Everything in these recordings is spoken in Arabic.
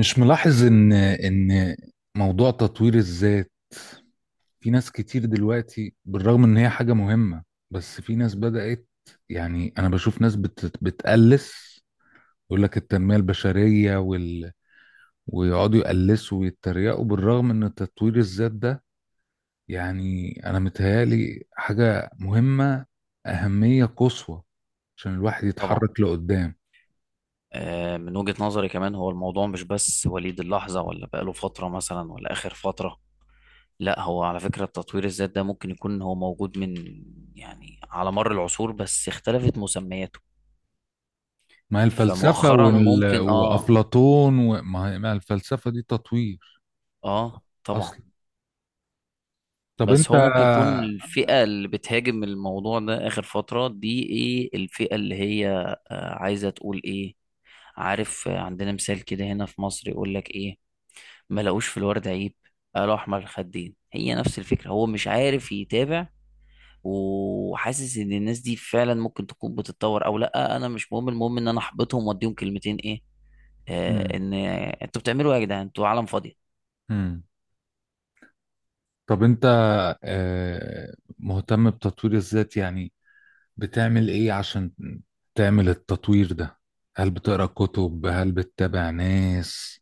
مش ملاحظ ان موضوع تطوير الذات، في ناس كتير دلوقتي بالرغم ان هي حاجة مهمة، بس في ناس بدأت، يعني انا بشوف ناس بتقلس، يقول لك التنمية البشرية وال، ويقعدوا يقلسوا ويتريقوا بالرغم ان تطوير الذات ده، يعني انا متهيالي حاجة مهمة، أهمية قصوى عشان الواحد طبعا. يتحرك لقدام. من وجهة نظري كمان، هو الموضوع مش بس وليد اللحظة ولا بقاله فترة مثلا ولا آخر فترة. لا، هو على فكرة التطوير الذات ده ممكن يكون هو موجود من، يعني على مر العصور، بس اختلفت مسمياته. ما هي الفلسفة فمؤخرا وال... ممكن وأفلاطون، وما هي ما هي الفلسفة دي تطوير اه طبعا. اصلا. طب بس انت. هو ممكن يكون الفئة اللي بتهاجم الموضوع ده آخر فترة دي، ايه الفئة اللي هي عايزة تقول ايه؟ عارف، عندنا مثال كده هنا في مصر يقول لك ايه: ما لقوش في الورد عيب قالوا احمر الخدين. هي نفس الفكره، هو مش عارف يتابع وحاسس ان الناس دي فعلا ممكن تكون بتتطور او لا، انا مش مهم، المهم ان انا احبطهم واديهم كلمتين ايه، مم. ان انتوا بتعملوا ايه يا جدعان، انتوا عالم فاضيه. مم. طب انت مهتم بتطوير الذات، يعني بتعمل ايه عشان تعمل التطوير ده؟ هل بتقرا كتب؟ هل بتتابع ناس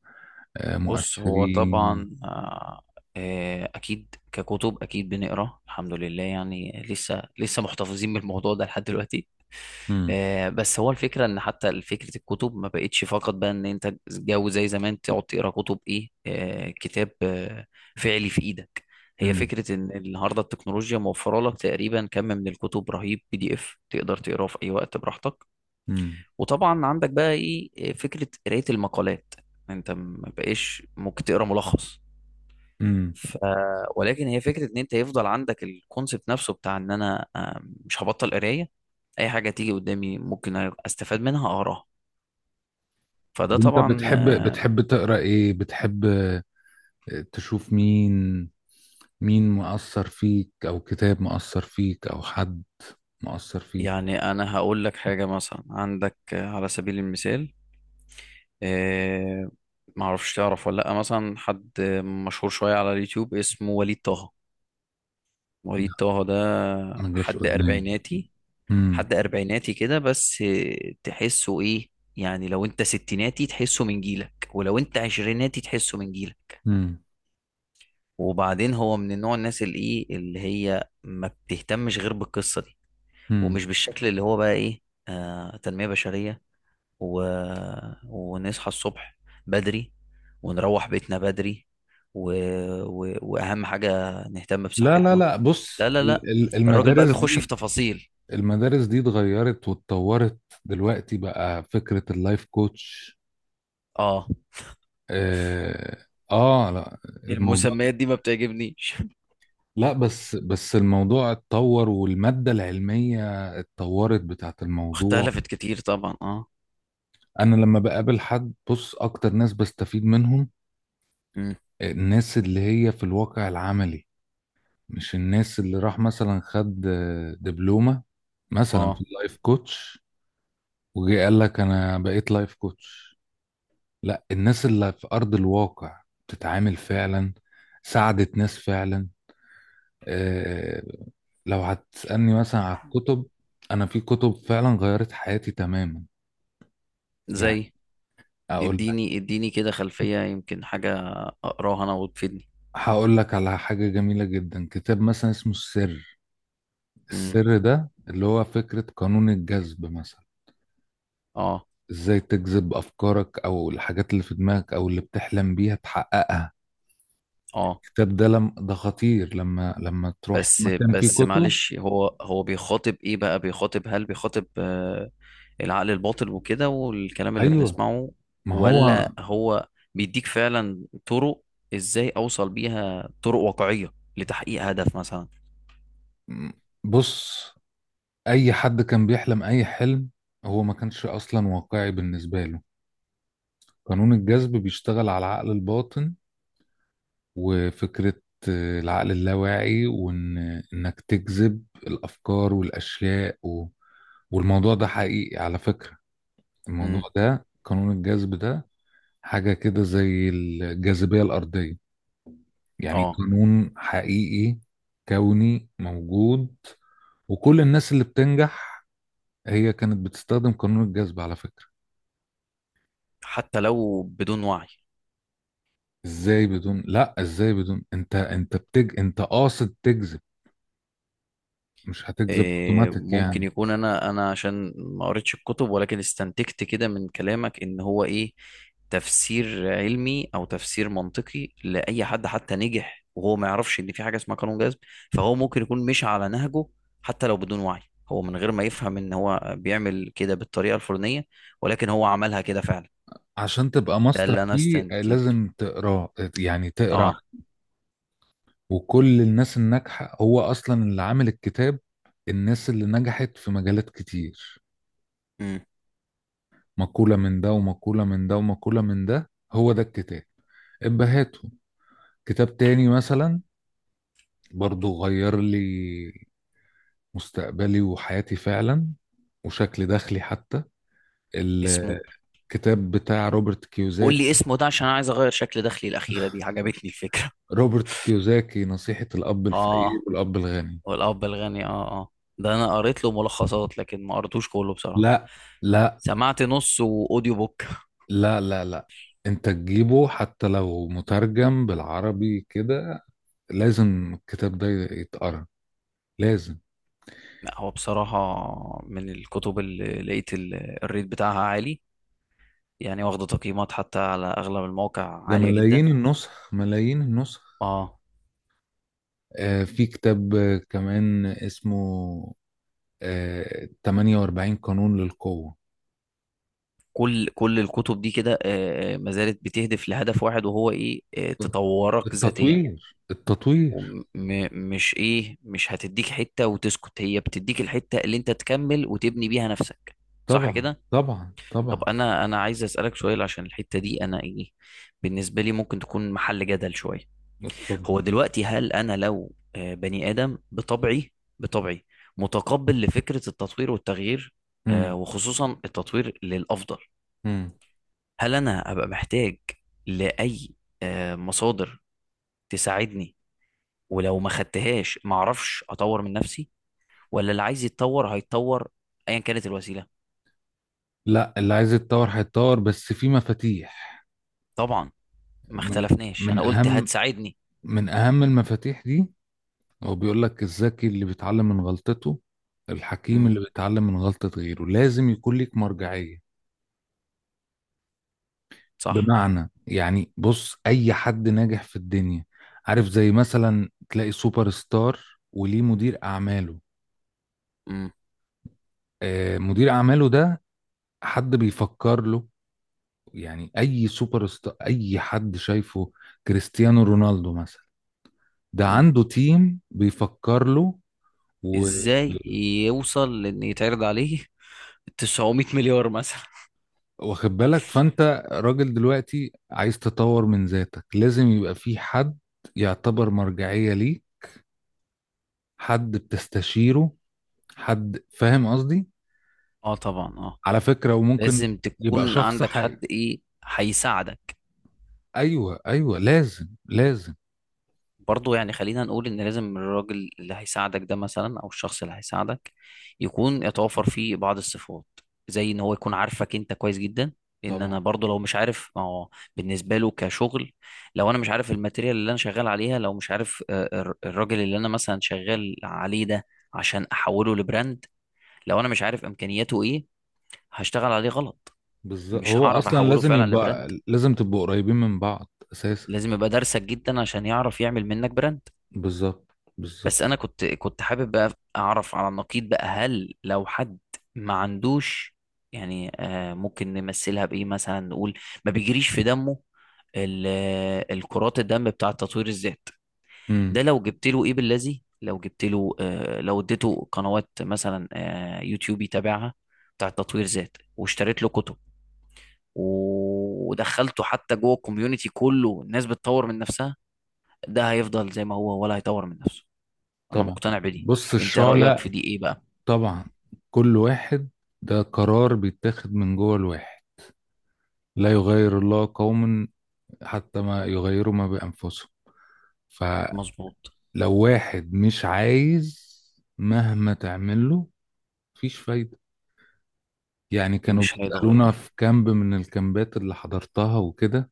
بص، هو مؤثرين؟ طبعا اكيد، ككتب اكيد بنقرا، الحمد لله، يعني لسه لسه محتفظين بالموضوع ده لحد دلوقتي. مم. بس هو الفكره ان حتى فكره الكتب ما بقتش فقط بقى ان انت جو زي زمان تقعد تقرا كتب ايه، كتاب فعلي في ايدك. هي مم. فكره ان النهارده التكنولوجيا موفره لك تقريبا كم من الكتب رهيب، بي دي اف تقدر تقراه في اي وقت براحتك. مم. وطبعا عندك بقى ايه فكره قرايه المقالات. انت ما بقاش ممكن تقرا ملخص. مم. ف... ولكن هي فكره ان انت يفضل عندك الكونسبت نفسه بتاع ان انا مش هبطل قرايه، اي حاجه تيجي قدامي ممكن استفاد منها اقراها. فده طب انت طبعا. بتحب بتحب تقرا ايه؟ بتحب تشوف مين مؤثر فيك او كتاب مؤثر فيك او حد مؤثر فيك؟ يعني انا هقول لك حاجه، مثلا عندك على سبيل المثال، آه، معرفش تعرف ولا لا، مثلا حد مشهور شويه على اليوتيوب اسمه وليد طه. لا، وليد طه ده ما جاش حد قدامي. أربعيناتي، حد اربعيناتي كده، بس تحسه ايه، يعني لو انت ستيناتي تحسه من جيلك، ولو انت عشريناتي تحسه من جيلك. امم. وبعدين هو من النوع الناس اللي ايه، اللي هي ما بتهتمش غير بالقصة دي، امم. ومش بالشكل اللي هو بقى ايه، آه تنمية بشرية و... ونصحى الصبح بدري، ونروح بيتنا بدري، و... واهم حاجة نهتم لا لا بصحتنا. لا، لا بص لا لا، الراجل بقى المدارس بيخش في دي، تفاصيل. المدارس دي اتغيرت واتطورت، دلوقتي بقى فكرة اللايف كوتش. اه، اه. آه لا، الموضوع، المسميات دي ما بتعجبنيش. لا بس الموضوع اتطور، والمادة العلمية اتطورت بتاعت الموضوع. اختلفت كتير طبعا، اه. انا لما بقابل حد، بص اكتر ناس بستفيد منهم امم، الناس اللي هي في الواقع العملي، مش الناس اللي راح مثلا خد دبلومة مثلا في اه. اللايف كوتش، وجي قال لك انا بقيت لايف كوتش. لا، الناس اللي في ارض الواقع، بتتعامل فعلا، ساعدت ناس فعلا. آه، لو هتسألني مثلا على الكتب، انا في كتب فعلا غيرت حياتي تماما. يعني زي؟ اقول لك، اديني اديني كده خلفية، يمكن حاجة اقراها انا وتفيدني. هقول لك على حاجة جميلة جدا، كتاب مثلا اسمه السر، امم، السر ده اللي هو فكرة قانون الجذب مثلا، اه، ازاي تجذب افكارك او الحاجات اللي في دماغك او اللي بتحلم بيها تحققها. اه. الكتاب ده لم ده خطير، لما تروح بس مكان فيه بس كتب. معلش، هو بيخاطب ايه بقى، بيخاطب، هل بيخاطب العقل الباطن وكده، والكلام اللي ايوه، بنسمعه، ما هو ولا هو بيديك فعلا طرق، ازاي اوصل بيها، طرق واقعية لتحقيق هدف مثلا؟ بص، اي حد كان بيحلم اي حلم، هو ما كانش اصلا واقعي بالنسبه له. قانون الجذب بيشتغل على العقل الباطن وفكره العقل اللاواعي، وان انك تجذب الافكار والاشياء و... والموضوع ده حقيقي على فكره، الموضوع امم، ده قانون الجذب ده حاجه كده زي الجاذبيه الارضيه، يعني اه. قانون حقيقي، كوني موجود. وكل الناس اللي بتنجح هي كانت بتستخدم قانون الجذب على فكرة. حتى لو بدون وعي. ازاي بدون لا ازاي بدون انت قاصد تجذب، مش هتجذب اوتوماتيك ممكن يعني. يكون انا عشان ما قريتش الكتب، ولكن استنتجت كده من كلامك ان هو ايه، تفسير علمي او تفسير منطقي لاي حد حتى نجح وهو ما يعرفش ان في حاجه اسمها قانون جذب، فهو ممكن يكون مش على نهجه، حتى لو بدون وعي، هو من غير ما يفهم ان هو بيعمل كده بالطريقه الفلانيه، ولكن هو عملها كده فعلا. عشان تبقى ده ماستر اللي انا فيه استنتجته. لازم تقراه، يعني تقرا. اه. وكل الناس الناجحة هو اصلا اللي عامل الكتاب، الناس اللي نجحت في مجالات كتير، امم. مقولة من ده ومقولة من ده ومقولة من ده، هو ده الكتاب، ابهاته. كتاب تاني مثلا، برضو غير لي مستقبلي وحياتي فعلا، وشكل دخلي حتى، اسمه؟ الكتاب بتاع روبرت قول كيوزاكي. لي اسمه ده، عشان انا عايز اغير شكل دخلي، الاخيره دي عجبتني الفكره. روبرت كيوزاكي، نصيحة الأب الفقير اه، والأب الغني. والاب الغني. اه ده انا قريت له ملخصات لكن ما قريتوش كله بصراحه، لا لا سمعت نص واوديو بوك. لا لا لا، انت تجيبه حتى لو مترجم بالعربي كده، لازم الكتاب ده يتقرا، لازم. لا، هو بصراحه من الكتب اللي لقيت الريت بتاعها عالي، يعني واخده تقييمات حتى على اغلب المواقع ده عاليه جدا. ملايين النسخ، ملايين النسخ. اه. آه في كتاب كمان اسمه، 48 قانون للقوة. كل الكتب دي كده ما زالت بتهدف لهدف واحد، وهو ايه، تطورك ذاتيا. التطوير التطوير. ومش ايه، مش هتديك حته وتسكت، هي بتديك الحته اللي انت تكمل وتبني بيها نفسك. صح طبعا كده؟ طبعا طب طبعا. انا عايز اسالك سؤال عشان الحته دي انا ايه، بالنسبه لي ممكن تكون محل جدل شويه. اتفضل. هو دلوقتي هل انا لو بني ادم بطبعي، بطبعي متقبل لفكره التطوير والتغيير، مم. وخصوصا التطوير للافضل، مم. هل انا هبقى محتاج لاي مصادر تساعدني؟ ولو ما خدتهاش ما اعرفش اطور من نفسي، ولا اللي عايز يتطور هيتطور ايا كانت الوسيله؟ لا، اللي عايز يتطور هيتطور، بس في مفاتيح. طبعا، ما من اختلفناش، من انا قلت اهم هتساعدني. من اهم المفاتيح دي، هو بيقول لك الذكي اللي بيتعلم من غلطته، الحكيم امم. اللي بيتعلم من غلطة غيره. لازم يكون ليك مرجعية. صح. بمعنى يعني بص، اي حد ناجح في الدنيا، عارف زي مثلا تلاقي سوبر ستار وليه مدير اعماله، مم. آه مدير اعماله ده حد بيفكر له. يعني اي سوبر ستار، اي حد شايفه، كريستيانو رونالدو مثلا، ده مم. عنده تيم بيفكر له و... ازاي يوصل لان يتعرض عليه 900 مليار مثلا؟ واخد بالك، فانت راجل دلوقتي عايز تطور من ذاتك، لازم يبقى في حد يعتبر مرجعية ليه، حد بتستشيره، حد فاهم قصدي، اه، طبعا، اه. على فكرة. وممكن لازم يبقى تكون شخص عندك حقيقي. حد ايه هيساعدك. ايوه ايوه، لازم لازم. برضه، يعني خلينا نقول ان لازم الراجل اللي هيساعدك ده مثلا، او الشخص اللي هيساعدك، يكون يتوفر فيه بعض الصفات، زي ان هو يكون عارفك انت كويس جدا، لان انا طبعا. برضه لو مش عارف ما هو بالنسبه له كشغل، لو انا مش عارف الماتيريال اللي انا شغال عليها، لو مش عارف الراجل اللي انا مثلا شغال عليه ده عشان احوله لبراند، لو انا مش عارف امكانياته ايه، هشتغل عليه غلط، بالظبط، مش هو هعرف اصلا احوله لازم فعلا يبقى، لبراند. لازم تبقوا قريبين من بعض اساسا. لازم يبقى دارسك جدا عشان يعرف يعمل منك براند. بالظبط بالظبط. بس انا كنت حابب بقى اعرف على النقيض بقى، هل لو حد ما عندوش، يعني ممكن نمثلها بايه مثلا، نقول ما بيجريش في دمه، الكرات الدم بتاع تطوير الذات امم. ده، لو جبت له ايه بالذي، لو جبت له لو اديته قنوات مثلا، يوتيوب يتابعها بتاع تطوير ذات، واشتريت له كتب، ودخلته حتى جوه الكوميونتي كله الناس بتطور من نفسها، ده هيفضل زي ما هو ولا هيطور من نفسه؟ انا طبعا. مقتنع بدي، بص انت رأيك الشعلة، في دي ايه بقى؟ طبعا، كل واحد، ده قرار بيتاخد من جوه الواحد. لا يغير الله قوما حتى ما يغيروا ما بأنفسهم. فلو مظبوط. واحد مش عايز، مهما تعمله مفيش فايدة. يعني كانوا مش بيسألونا هيتغير. في كامب من الكامبات اللي حضرتها وكده،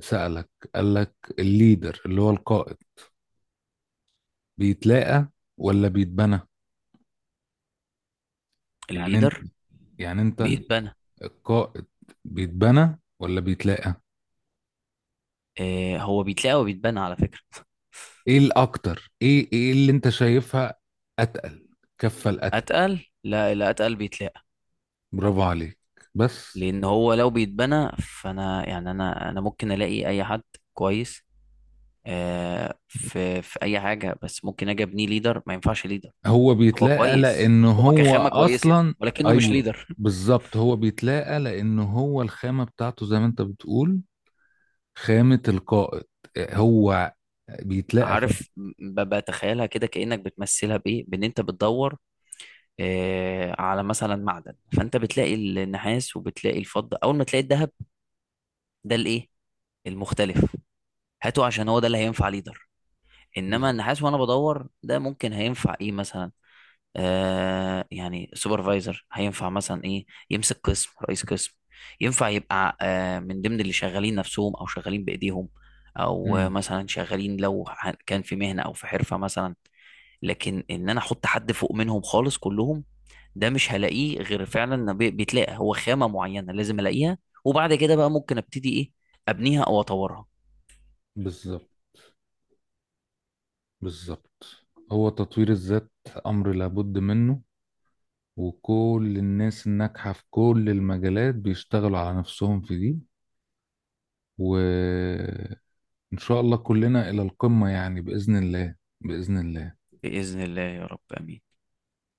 سألك قال لك الليدر اللي هو القائد، بيتلاقى ولا بيتبنى؟ يعني انت الليدر يعني انت بيتبنى. القائد، بيتبنى ولا بيتلاقى؟ هو بيتلاقى وبيتبنى على فكرة ايه الاكتر، ايه ايه اللي انت شايفها اتقل، كفة الاتقل؟ اتقل؟ لا، اللي اتقل بيتلاقى، برافو عليك. بس لان هو لو بيتبنى، فانا يعني انا ممكن الاقي اي حد كويس في اي حاجة، بس ممكن اجي ابنيه ليدر، ما ينفعش ليدر. هو هو بيتلاقى كويس، لان هو هو كخامة كويسة، اصلا. ولكنه مش ايوه، ليدر. بالظبط، هو بيتلاقى لان هو الخامة بتاعته، زي ما انت بتقول، خامة القائد، هو بيتلاقى في. عارف، بتخيلها كده، كأنك بتمثلها بإيه؟ بإن أنت بتدور على مثلا معدن، فأنت بتلاقي النحاس وبتلاقي الفضة، أول ما تلاقي الذهب، ده الإيه؟ المختلف، هاته، عشان هو ده اللي هينفع ليدر. إنما بالظبط. النحاس وأنا بدور ده ممكن هينفع إيه مثلا؟ يعني سوبرفايزر هينفع مثلا إيه؟ يمسك قسم، رئيس قسم. ينفع يبقى من ضمن اللي شغالين نفسهم أو شغالين بإيديهم، أو مم. مثلا شغالين، لو كان في مهنة أو في حرفة مثلا. لكن ان انا احط حد فوق منهم خالص كلهم، ده مش هلاقيه غير فعلا إن بيتلاقى، هو خامة معينة لازم الاقيها، وبعد كده بقى ممكن ابتدي ايه، ابنيها او اطورها. بالظبط بالظبط، هو تطوير الذات أمر لابد منه، وكل الناس الناجحة في كل المجالات بيشتغلوا على نفسهم في دي. وإن شاء الله كلنا إلى القمة، يعني بإذن الله، بإذن الله. بإذن الله يا رب، امين.